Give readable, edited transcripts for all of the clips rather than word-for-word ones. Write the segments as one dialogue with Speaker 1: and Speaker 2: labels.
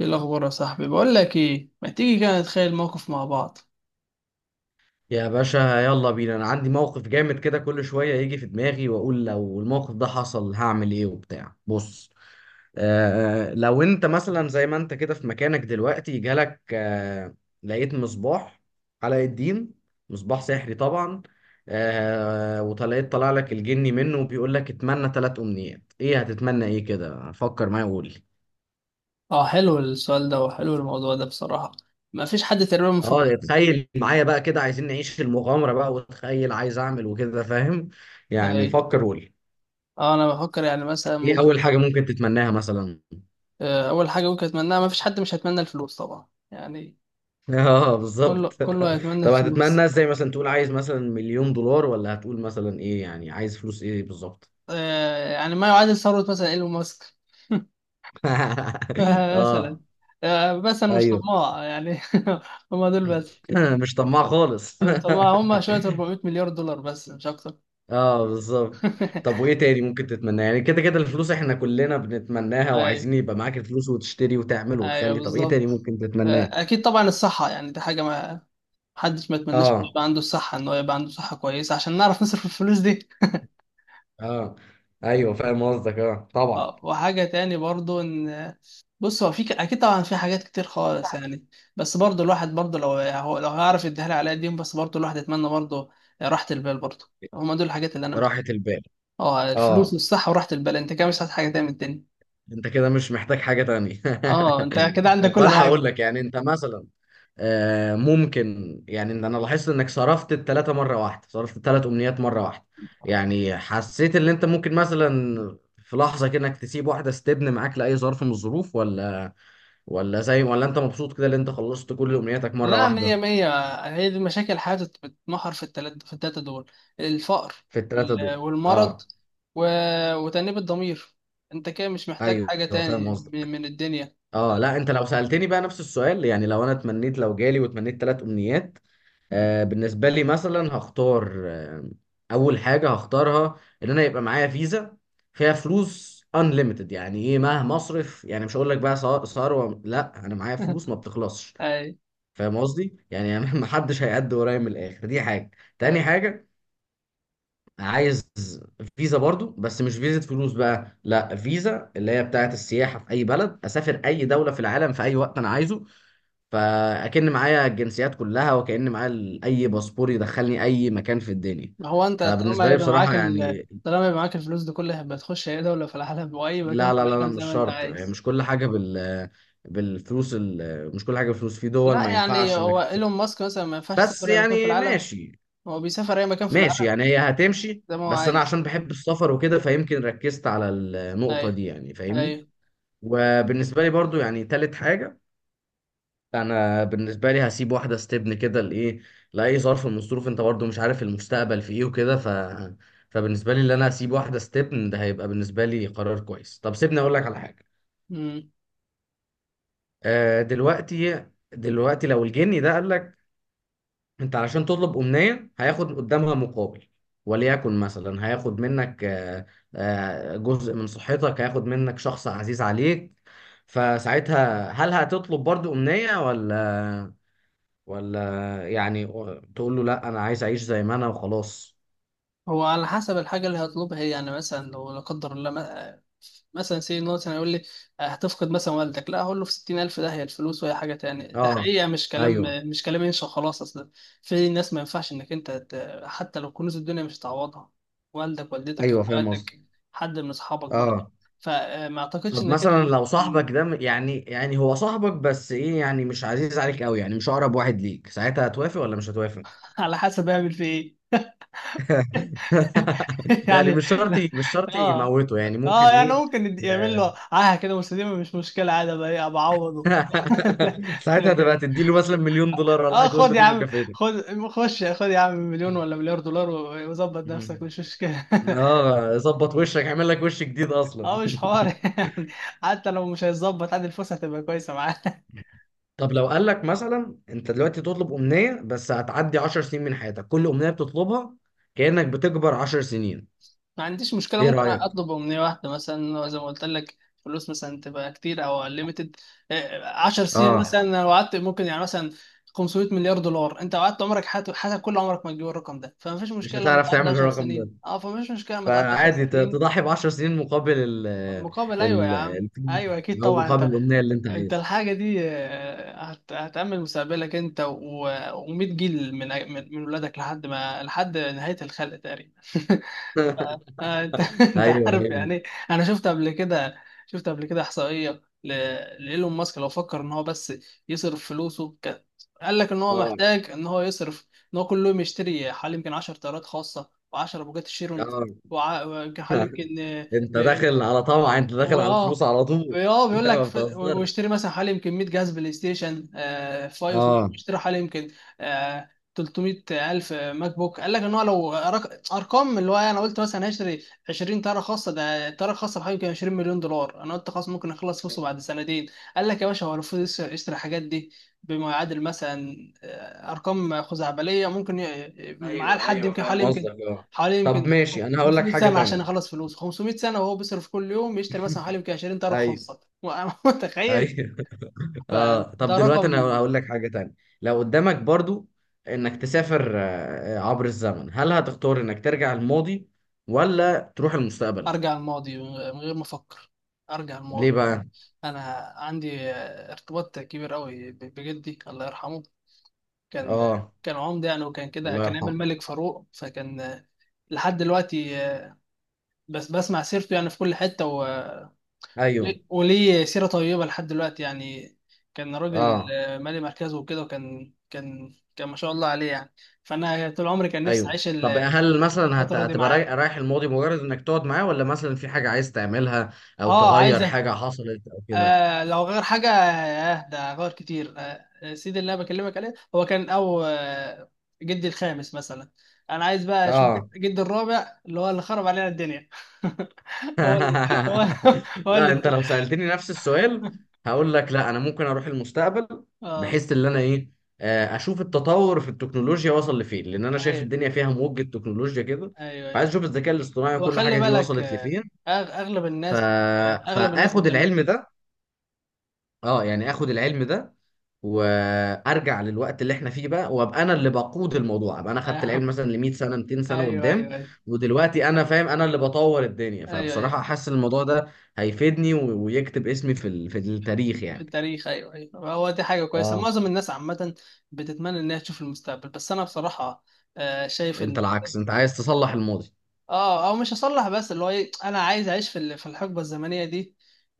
Speaker 1: ايه الاخبار يا صاحبي؟ بقول لك ايه، ما تيجي كده نتخيل موقف مع بعض؟
Speaker 2: يا باشا يلا بينا. انا عندي موقف جامد كده، كل شويه يجي في دماغي واقول لو الموقف ده حصل هعمل ايه وبتاع. بص، لو انت مثلا زي ما انت كده في مكانك دلوقتي جالك لقيت مصباح علاء الدين، مصباح سحري طبعا. وطلعت طلع لك الجني منه وبيقول لك اتمنى ثلاث امنيات، ايه هتتمنى؟ ايه كده؟ فكر معايا وقول لي.
Speaker 1: اه، حلو السؤال ده وحلو الموضوع ده بصراحه. ما فيش حد تقريبا
Speaker 2: اه
Speaker 1: مفكر.
Speaker 2: تخيل معايا بقى كده، عايزين نعيش في المغامره بقى، وتخيل عايز اعمل وكده، فاهم؟ يعني
Speaker 1: اي.
Speaker 2: فكر وقول لي
Speaker 1: اه، انا بفكر يعني مثلا
Speaker 2: ايه
Speaker 1: ممكن.
Speaker 2: اول حاجه ممكن تتمناها مثلا.
Speaker 1: اول حاجه ممكن اتمناها، ما فيش حد مش هيتمنى الفلوس طبعا يعني.
Speaker 2: اه
Speaker 1: كله
Speaker 2: بالظبط.
Speaker 1: كله هيتمنى
Speaker 2: طب هتتمنى
Speaker 1: الفلوس.
Speaker 2: ازاي؟ مثلا تقول عايز مثلا مليون دولار، ولا هتقول مثلا ايه؟ يعني عايز فلوس ايه بالظبط؟
Speaker 1: يعني ما يعادل ثروه مثلا ايلون ماسك. مثلا.
Speaker 2: اه
Speaker 1: بس انا مش
Speaker 2: ايوه.
Speaker 1: طماع يعني. هم دول بس.
Speaker 2: مش طماع خالص.
Speaker 1: أنا مش طماع، هم شويه 400 مليار دولار بس مش اكتر.
Speaker 2: اه بالظبط. طب وايه تاني ممكن تتمناه؟ يعني كده كده الفلوس احنا كلنا بنتمناها،
Speaker 1: ايوه،
Speaker 2: وعايزين يبقى معاك الفلوس وتشتري وتعمل
Speaker 1: ايوه،
Speaker 2: وتخلي، طب ايه تاني
Speaker 1: بالظبط.
Speaker 2: ممكن تتمناه؟
Speaker 1: اكيد طبعا الصحه، يعني دي حاجه ما حدش ما يتمناش انه
Speaker 2: اه
Speaker 1: يبقى عنده الصحه، ان هو يبقى عنده صحه كويسه عشان نعرف نصرف الفلوس دي.
Speaker 2: اه ايوه فاهم قصدك، اه طبعا.
Speaker 1: اه، وحاجه تاني برضو ان بص، هو في اكيد طبعا في حاجات كتير خالص يعني. بس برضو الواحد برضو لو هيعرف يديها لي على قديم، بس برضو الواحد يتمنى برضو راحه البال برضو. هما دول الحاجات اللي انا
Speaker 2: راحة
Speaker 1: محتاجها.
Speaker 2: البال.
Speaker 1: اه، الفلوس
Speaker 2: اه
Speaker 1: والصحه وراحه البال، انت كده مش عايز حاجه تاني من الدنيا.
Speaker 2: انت كده مش محتاج حاجة تانية.
Speaker 1: اه انت كده عندك
Speaker 2: طب
Speaker 1: كل
Speaker 2: انا
Speaker 1: حاجه.
Speaker 2: هقول لك يعني انت مثلا، ممكن يعني ان انا لاحظت انك صرفت التلاتة مرة واحدة، صرفت التلات امنيات مرة واحدة. يعني حسيت ان انت ممكن مثلا في لحظة كده انك تسيب واحدة ستبن معاك لأي ظرف من الظروف، ولا زي، ولا انت مبسوط كده ان انت خلصت كل امنياتك مرة
Speaker 1: لا، مية
Speaker 2: واحدة؟
Speaker 1: مية. هي دي مشاكل حياتي، بتمحور في التلاتة، دول. الفقر
Speaker 2: في التلاتة دول.
Speaker 1: والمرض
Speaker 2: اه
Speaker 1: و... وتأنيب الضمير. انت كده مش محتاج
Speaker 2: ايوه
Speaker 1: حاجة
Speaker 2: فاهم
Speaker 1: تاني من
Speaker 2: قصدك.
Speaker 1: من الدنيا.
Speaker 2: اه لا انت لو سألتني بقى نفس السؤال، يعني لو انا اتمنيت، لو جالي واتمنيت تلات امنيات، بالنسبة لي مثلا هختار أول حاجة هختارها إن أنا يبقى معايا فيزا فيها فلوس unlimited. يعني إيه؟ مهما أصرف، يعني مش هقول لك بقى ثروة، لا أنا معايا فلوس ما بتخلصش.
Speaker 1: اي،
Speaker 2: فاهم قصدي؟ يعني أنا محدش هيعد ورايا، من الآخر دي حاجة. تاني
Speaker 1: اي.
Speaker 2: حاجة، عايز فيزا برضو، بس مش فيزا فلوس بقى، لا فيزا اللي هي بتاعت السياحة، في أي بلد أسافر، أي دولة في العالم في أي وقت أنا عايزه. فاكن معايا الجنسيات كلها، وكأن معايا اي باسبور يدخلني اي مكان في الدنيا.
Speaker 1: هو انت طالما
Speaker 2: فبالنسبه لي
Speaker 1: هيبقى
Speaker 2: بصراحه
Speaker 1: معاك
Speaker 2: يعني،
Speaker 1: طالما هيبقى معاك الفلوس دي كلها، هيبقى تخش اي دولة في العالم واي مكان
Speaker 2: لا
Speaker 1: في
Speaker 2: لا لا لا
Speaker 1: العالم زي
Speaker 2: مش
Speaker 1: ما انت
Speaker 2: شرط، يعني
Speaker 1: عايز.
Speaker 2: مش كل حاجه مش كل حاجه بالفلوس، في دول ما
Speaker 1: لا، يعني
Speaker 2: ينفعش
Speaker 1: هو
Speaker 2: انك
Speaker 1: ايلون
Speaker 2: تسافر.
Speaker 1: ماسك مثلا ما ينفعش
Speaker 2: بس
Speaker 1: يسافر اي مكان في
Speaker 2: يعني
Speaker 1: العالم؟
Speaker 2: ماشي،
Speaker 1: هو بيسافر اي مكان في
Speaker 2: ماشي
Speaker 1: العالم
Speaker 2: يعني هي هتمشي،
Speaker 1: زي ما هو
Speaker 2: بس انا
Speaker 1: عايز.
Speaker 2: عشان بحب السفر وكده فيمكن ركزت على
Speaker 1: اي،
Speaker 2: النقطه دي، يعني
Speaker 1: اي.
Speaker 2: فاهمني. وبالنسبه لي برضو يعني تالت حاجه، انا بالنسبه لي هسيب واحده ستبن كده لايه، لاي ظرف من الظروف، انت برضو مش عارف المستقبل في ايه وكده، فبالنسبه لي اللي انا هسيب واحده ستبن ده هيبقى بالنسبه لي قرار كويس. طب سيبني اقول لك على حاجه. آه دلوقتي، دلوقتي لو الجني ده قال لك انت علشان تطلب امنيه هياخد قدامها مقابل، وليكن مثلا هياخد منك جزء من صحتك، هياخد منك شخص عزيز عليك، فساعتها هل هتطلب برضو امنيه، ولا يعني تقول له لا انا عايز اعيش زي ما انا وخلاص؟
Speaker 1: هو على حسب الحاجة اللي هطلبها هي، يعني مثلا لو لا قدر الله مثلا سي إن هو مثلا يقول لي هتفقد مثلا والدك، لا، هقول له في 60,000 ده هي الفلوس وهي حاجة تاني، ده
Speaker 2: اه
Speaker 1: حقيقة مش كلام.
Speaker 2: ايوه
Speaker 1: مش كلام ينشأ خلاص أصلا. في ناس ما ينفعش إنك أنت حتى لو كنوز الدنيا مش هتعوضها، والدك، والدتك،
Speaker 2: ايوه فاهم قصدي.
Speaker 1: إخواتك، حد من أصحابك برضه.
Speaker 2: اه
Speaker 1: فما أعتقدش
Speaker 2: طب
Speaker 1: إنك
Speaker 2: مثلا
Speaker 1: أنت.
Speaker 2: لو صاحبك ده يعني، يعني هو صاحبك بس ايه، يعني مش عزيز عليك قوي، يعني مش اقرب واحد ليك، ساعتها هتوافق ولا مش هتوافق؟
Speaker 1: على حسب أعمل في إيه.
Speaker 2: يعني
Speaker 1: يعني.
Speaker 2: مش شرط، مش شرط
Speaker 1: اه
Speaker 2: يموته، يعني
Speaker 1: اه
Speaker 2: ممكن
Speaker 1: يعني
Speaker 2: ايه.
Speaker 1: ممكن يعمل له اه كده مستديمه، مش مشكله، عادي بقى، ايه بعوضه. لا-
Speaker 2: ساعتها
Speaker 1: لكن
Speaker 2: تبقى تديله مثلا مليون دولار ولا
Speaker 1: اه،
Speaker 2: حاجه، قول
Speaker 1: خد
Speaker 2: له
Speaker 1: يا
Speaker 2: دي
Speaker 1: عم،
Speaker 2: مكافأتك.
Speaker 1: خد خش خد يا عم مليون ولا مليار دولار وظبط نفسك مش مشكله.
Speaker 2: اه ظبط وشك، اعمل لك وش جديد اصلا.
Speaker 1: اه مش حوار يعني. حتى لو مش هيتظبط عادي، الفلوس هتبقى كويسه معاه.
Speaker 2: طب لو قال لك مثلا انت دلوقتي تطلب امنيه بس هتعدي 10 سنين من حياتك كل امنيه بتطلبها، كانك بتكبر 10 سنين،
Speaker 1: ما عنديش مشكلة،
Speaker 2: ايه
Speaker 1: ممكن
Speaker 2: رايك؟
Speaker 1: أطلب أمنية واحدة مثلا زي ما قلت لك. فلوس مثلا تبقى كتير أو ليميتد، 10 سنين
Speaker 2: اه
Speaker 1: مثلا لو قعدت، ممكن يعني مثلا 500 مليار دولار. أنت قعدت عمرك، حياتك حياتك كل عمرك ما تجيب الرقم ده، فمفيش
Speaker 2: مش
Speaker 1: مشكلة لما
Speaker 2: هتعرف
Speaker 1: تعدي
Speaker 2: تعمل
Speaker 1: 10
Speaker 2: الرقم ده،
Speaker 1: سنين، أه فمفيش مشكلة لما تعدي 10
Speaker 2: فعادي
Speaker 1: سنين
Speaker 2: تضحي ب 10 سنين مقابل ال
Speaker 1: مقابل. أيوه يا
Speaker 2: ال
Speaker 1: عم.
Speaker 2: الفلوس،
Speaker 1: أيوه أكيد
Speaker 2: او
Speaker 1: طبعا
Speaker 2: مقابل
Speaker 1: أنت،
Speaker 2: الامنيه اللي انت
Speaker 1: أنت
Speaker 2: عايزها.
Speaker 1: الحاجة دي آه، هتأمن مستقبلك أنت و100 جيل من ولادك لحد ما، لحد نهاية الخلق تقريبا. آه، انت انت
Speaker 2: ايوه
Speaker 1: عارف
Speaker 2: ايوه
Speaker 1: يعني ايه. انا شفت قبل كده، شفت قبل كده احصائيه لايلون ماسك، لو فكر ان هو بس يصرف فلوسه قال لك ان هو
Speaker 2: اه
Speaker 1: محتاج ان هو يصرف ان هو كل يوم يشتري حوالي يمكن 10 طيارات خاصه و10 بوجات شيرون
Speaker 2: اه.
Speaker 1: ويمكن حوالي
Speaker 2: انت
Speaker 1: يمكن.
Speaker 2: داخل على طمع، انت داخل
Speaker 1: واه
Speaker 2: على الفلوس على طول.
Speaker 1: اه بيقول
Speaker 2: لا
Speaker 1: لك
Speaker 2: ما بتهزرش.
Speaker 1: واشتري مثلا حوالي يمكن 100 جهاز بلاي ستيشن آه 5،
Speaker 2: اه
Speaker 1: واشتري حوالي يمكن آه 300 الف ماك بوك. قال لك ان هو لو ارقام، اللي هو إيه، انا قلت مثلا هشتري 20 تاره خاصه، ده تاره خاصه بحوالي يمكن 20 مليون دولار، انا قلت خلاص ممكن اخلص فلوسه بعد سنتين. قال لك يا باشا هو المفروض يشتري الحاجات دي بما يعادل مثلا ارقام خزعبليه ممكن معاه
Speaker 2: ايوه
Speaker 1: لحد
Speaker 2: ايوه
Speaker 1: يمكن
Speaker 2: فاهم قصدك. اه
Speaker 1: حوالي يمكن
Speaker 2: طب ماشي، انا هقول لك
Speaker 1: 500
Speaker 2: حاجه
Speaker 1: سنة عشان
Speaker 2: تانية.
Speaker 1: يخلص فلوس 500 سنة، وهو بيصرف كل يوم يشتري مثلا حوالي يمكن 20 طرف
Speaker 2: ايوه
Speaker 1: خاصة، وأنا متخيل.
Speaker 2: ايوه. اه طب
Speaker 1: فده
Speaker 2: دلوقتي انا
Speaker 1: رقم.
Speaker 2: هقول لك حاجة تانية، لو قدامك برضو انك تسافر عبر الزمن، هل هتختار انك ترجع الماضي ولا تروح المستقبل؟
Speaker 1: أرجع الماضي من غير ما أفكر. أرجع
Speaker 2: ليه
Speaker 1: الماضي.
Speaker 2: بقى؟
Speaker 1: أنا عندي ارتباط كبير قوي بجدي الله يرحمه. كان
Speaker 2: اه
Speaker 1: كان عمدة يعني، وكان كده
Speaker 2: الله
Speaker 1: كان عامل
Speaker 2: يرحمه.
Speaker 1: ملك فاروق، فكان آه، لحد دلوقتي، آه، بس بسمع سيرته يعني في كل حتة، و
Speaker 2: ايوه
Speaker 1: وليه سيرة طيبة لحد دلوقتي يعني. كان راجل
Speaker 2: اه
Speaker 1: آه، مالي مركزه وكده، وكان كان كان ما شاء الله عليه يعني. فأنا طول عمري كان نفسي
Speaker 2: ايوه.
Speaker 1: أعيش
Speaker 2: طب هل مثلا
Speaker 1: الفترة دي
Speaker 2: هتبقى
Speaker 1: معاه.
Speaker 2: رايح الماضي مجرد انك تقعد معاه، ولا مثلا في حاجة عايز تعملها او
Speaker 1: اه،
Speaker 2: تغير
Speaker 1: عايزة.
Speaker 2: حاجة حصلت او كده؟
Speaker 1: آه، لو غير حاجة، آه ده غير كتير. آه، آه، سيدي اللي أنا بكلمك عليه هو كان أو آه جدي الخامس مثلا. أنا عايز بقى أشوف
Speaker 2: اه
Speaker 1: جدي الرابع، اللي هو اللي خرب علينا الدنيا. هو اللي هو اللي هو
Speaker 2: لا
Speaker 1: اللي.
Speaker 2: انت لو سألتني نفس السؤال هقول لك لا انا ممكن اروح المستقبل،
Speaker 1: اه،
Speaker 2: بحيث ان انا ايه، اشوف التطور في التكنولوجيا وصل لفين، لان انا شايف
Speaker 1: ايوه
Speaker 2: الدنيا فيها موجة تكنولوجيا كده،
Speaker 1: ايوه
Speaker 2: فعايز
Speaker 1: أيوه.
Speaker 2: اشوف الذكاء الاصطناعي وكل
Speaker 1: وخلي
Speaker 2: حاجة دي
Speaker 1: بالك،
Speaker 2: وصلت لفين.
Speaker 1: اغلب
Speaker 2: ف...
Speaker 1: الناس،
Speaker 2: فاخد
Speaker 1: بتعمل
Speaker 2: العلم
Speaker 1: كده.
Speaker 2: ده، اه يعني اخد العلم ده وارجع للوقت اللي احنا فيه بقى، وابقى انا اللي بقود الموضوع، ابقى انا خدت العلم
Speaker 1: آه،
Speaker 2: مثلا ل 100 سنه 200 سنه
Speaker 1: ايوه
Speaker 2: قدام،
Speaker 1: ايوه ايوه
Speaker 2: ودلوقتي انا فاهم، انا اللي بطور الدنيا.
Speaker 1: ايوه ايوه.
Speaker 2: فبصراحه حاسس إن الموضوع ده هيفيدني ويكتب اسمي في في التاريخ
Speaker 1: في
Speaker 2: يعني.
Speaker 1: التاريخ، ايوه ايوه. هو دي حاجه كويسه.
Speaker 2: اه
Speaker 1: معظم الناس عامه بتتمنى انها تشوف المستقبل، بس انا بصراحه شايف
Speaker 2: انت
Speaker 1: ان
Speaker 2: العكس، انت عايز تصلح الماضي.
Speaker 1: اه، او مش هصلح، بس اللي هو ايه، انا عايز اعيش في الحقبه الزمنيه دي،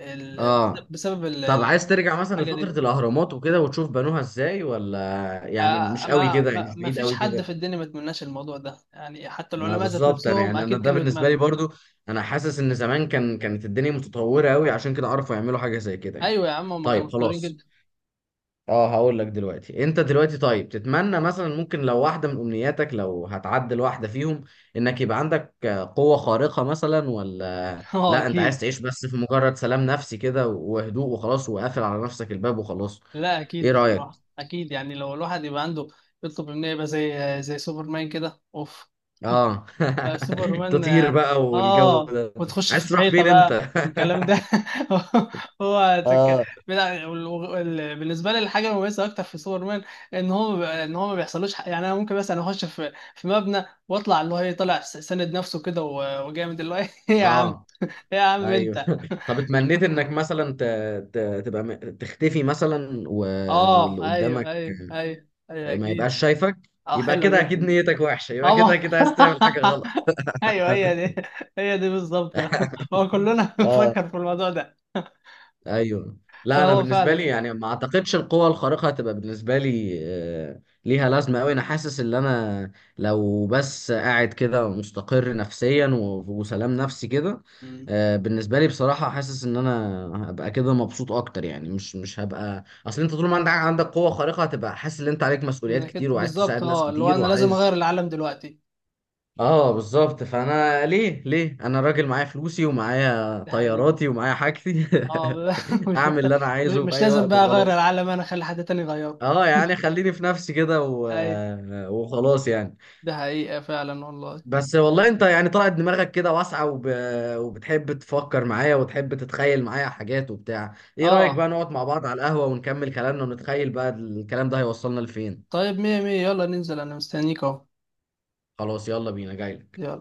Speaker 1: ال-
Speaker 2: اه
Speaker 1: بسبب
Speaker 2: طب عايز ترجع مثلا
Speaker 1: الحاجه
Speaker 2: لفتره
Speaker 1: دي.
Speaker 2: الاهرامات وكده وتشوف بنوها ازاي ولا؟ يعني مش قوي كده، يعني مش
Speaker 1: ما
Speaker 2: بعيد
Speaker 1: فيش
Speaker 2: قوي
Speaker 1: حد
Speaker 2: كده.
Speaker 1: في الدنيا ما يتمناش الموضوع ده يعني، حتى
Speaker 2: ما
Speaker 1: العلماء ذات
Speaker 2: بالظبط، انا
Speaker 1: نفسهم
Speaker 2: يعني انا
Speaker 1: اكيد
Speaker 2: ده
Speaker 1: كانوا
Speaker 2: بالنسبه لي
Speaker 1: يتمنوا.
Speaker 2: برضو، انا حاسس ان زمان كان، كانت الدنيا متطوره قوي، عشان كده عرفوا يعملوا حاجه زي كده يعني.
Speaker 1: ايوه يا عم، هم كانوا
Speaker 2: طيب
Speaker 1: مضطرين
Speaker 2: خلاص.
Speaker 1: جدا.
Speaker 2: اه هقول لك دلوقتي، انت دلوقتي طيب تتمنى مثلا، ممكن لو واحده من امنياتك لو هتعدل واحده فيهم، انك يبقى عندك قوه خارقه مثلا، ولا
Speaker 1: اه
Speaker 2: لا انت عايز
Speaker 1: اكيد.
Speaker 2: تعيش بس في مجرد سلام نفسي كده وهدوء وخلاص وقافل على نفسك الباب وخلاص؟
Speaker 1: لا اكيد
Speaker 2: ايه
Speaker 1: بصراحه،
Speaker 2: رايك؟
Speaker 1: اكيد يعني، لو الواحد يبقى عنده يطلب منه يبقى زي سوبرمان كده، اوف.
Speaker 2: اه
Speaker 1: آه، سوبرمان
Speaker 2: تطير
Speaker 1: اه
Speaker 2: بقى والجو
Speaker 1: آه.
Speaker 2: ده.
Speaker 1: وتخش في
Speaker 2: عايز تروح
Speaker 1: الحيطه
Speaker 2: فين انت؟
Speaker 1: بقى الكلام ده. هو تك...
Speaker 2: اه
Speaker 1: بلا- وال- وال- بالنسبه لي الحاجه المميزه اكتر في سوبرمان، ان هو ان هو ما بيحصلوش حق. يعني انا ممكن مثلا اخش في مبنى واطلع، اللي هو ايه، طالع ساند نفسه كده وجامد، اللي هو ايه. يا عم،
Speaker 2: اه
Speaker 1: إيه يا عم
Speaker 2: ايوه.
Speaker 1: انت.
Speaker 2: طب اتمنيت انك مثلا ت... تبقى تختفي مثلا، واللي
Speaker 1: اه
Speaker 2: قدامك
Speaker 1: ايوه ايوه ايوه ايوه
Speaker 2: ما
Speaker 1: اكيد.
Speaker 2: يبقاش شايفك،
Speaker 1: اه،
Speaker 2: يبقى
Speaker 1: حلوه
Speaker 2: كده اكيد
Speaker 1: جدا.
Speaker 2: نيتك وحشة، يبقى
Speaker 1: اه
Speaker 2: كده
Speaker 1: ما-
Speaker 2: اكيد عايز تعمل حاجة غلط.
Speaker 1: ايوه هي دي، هي دي بالظبط. هو كلنا
Speaker 2: اه
Speaker 1: بنفكر في الموضوع ده.
Speaker 2: ايوه. لا انا
Speaker 1: فهو
Speaker 2: بالنسبه لي
Speaker 1: فعلا.
Speaker 2: يعني ما اعتقدش القوه الخارقه هتبقى بالنسبه لي ليها لازمه قوي. انا حاسس ان انا لو بس قاعد كده مستقر نفسيا وسلام نفسي كده،
Speaker 1: مم.
Speaker 2: بالنسبه لي بصراحه حاسس ان انا هبقى كده مبسوط اكتر يعني. مش هبقى، اصل انت طول ما عندك قوه خارقه هتبقى حاسس ان انت عليك مسؤوليات
Speaker 1: انك
Speaker 2: كتير،
Speaker 1: انت
Speaker 2: وعايز
Speaker 1: بالظبط
Speaker 2: تساعد ناس
Speaker 1: اه، اللي هو
Speaker 2: كتير
Speaker 1: انا لازم
Speaker 2: وعايز.
Speaker 1: اغير العالم دلوقتي.
Speaker 2: اه بالظبط،
Speaker 1: اي.
Speaker 2: فانا ليه؟ ليه انا راجل معايا فلوسي ومعايا
Speaker 1: ده حقيقي.
Speaker 2: طياراتي ومعايا حاجتي،
Speaker 1: اه، مش
Speaker 2: اعمل
Speaker 1: محتاج.
Speaker 2: اللي انا عايزه في
Speaker 1: مش
Speaker 2: اي
Speaker 1: لازم
Speaker 2: وقت
Speaker 1: بقى اغير
Speaker 2: وخلاص.
Speaker 1: العالم، انا اخلي حد تاني يغيره.
Speaker 2: اه يعني خليني في نفسي كده
Speaker 1: اي.
Speaker 2: وخلاص يعني.
Speaker 1: ده حقيقة فعلا والله.
Speaker 2: بس والله انت يعني طلعت دماغك كده واسعة وبتحب تفكر معايا وتحب تتخيل معايا حاجات وبتاع. ايه رأيك
Speaker 1: اه
Speaker 2: بقى نقعد مع بعض على القهوة ونكمل كلامنا، ونتخيل بقى الكلام ده هيوصلنا لفين؟
Speaker 1: طيب، مية مية، يلا ننزل، انا مستنيك اهو.
Speaker 2: خلاص يلا بينا جاي.
Speaker 1: يلا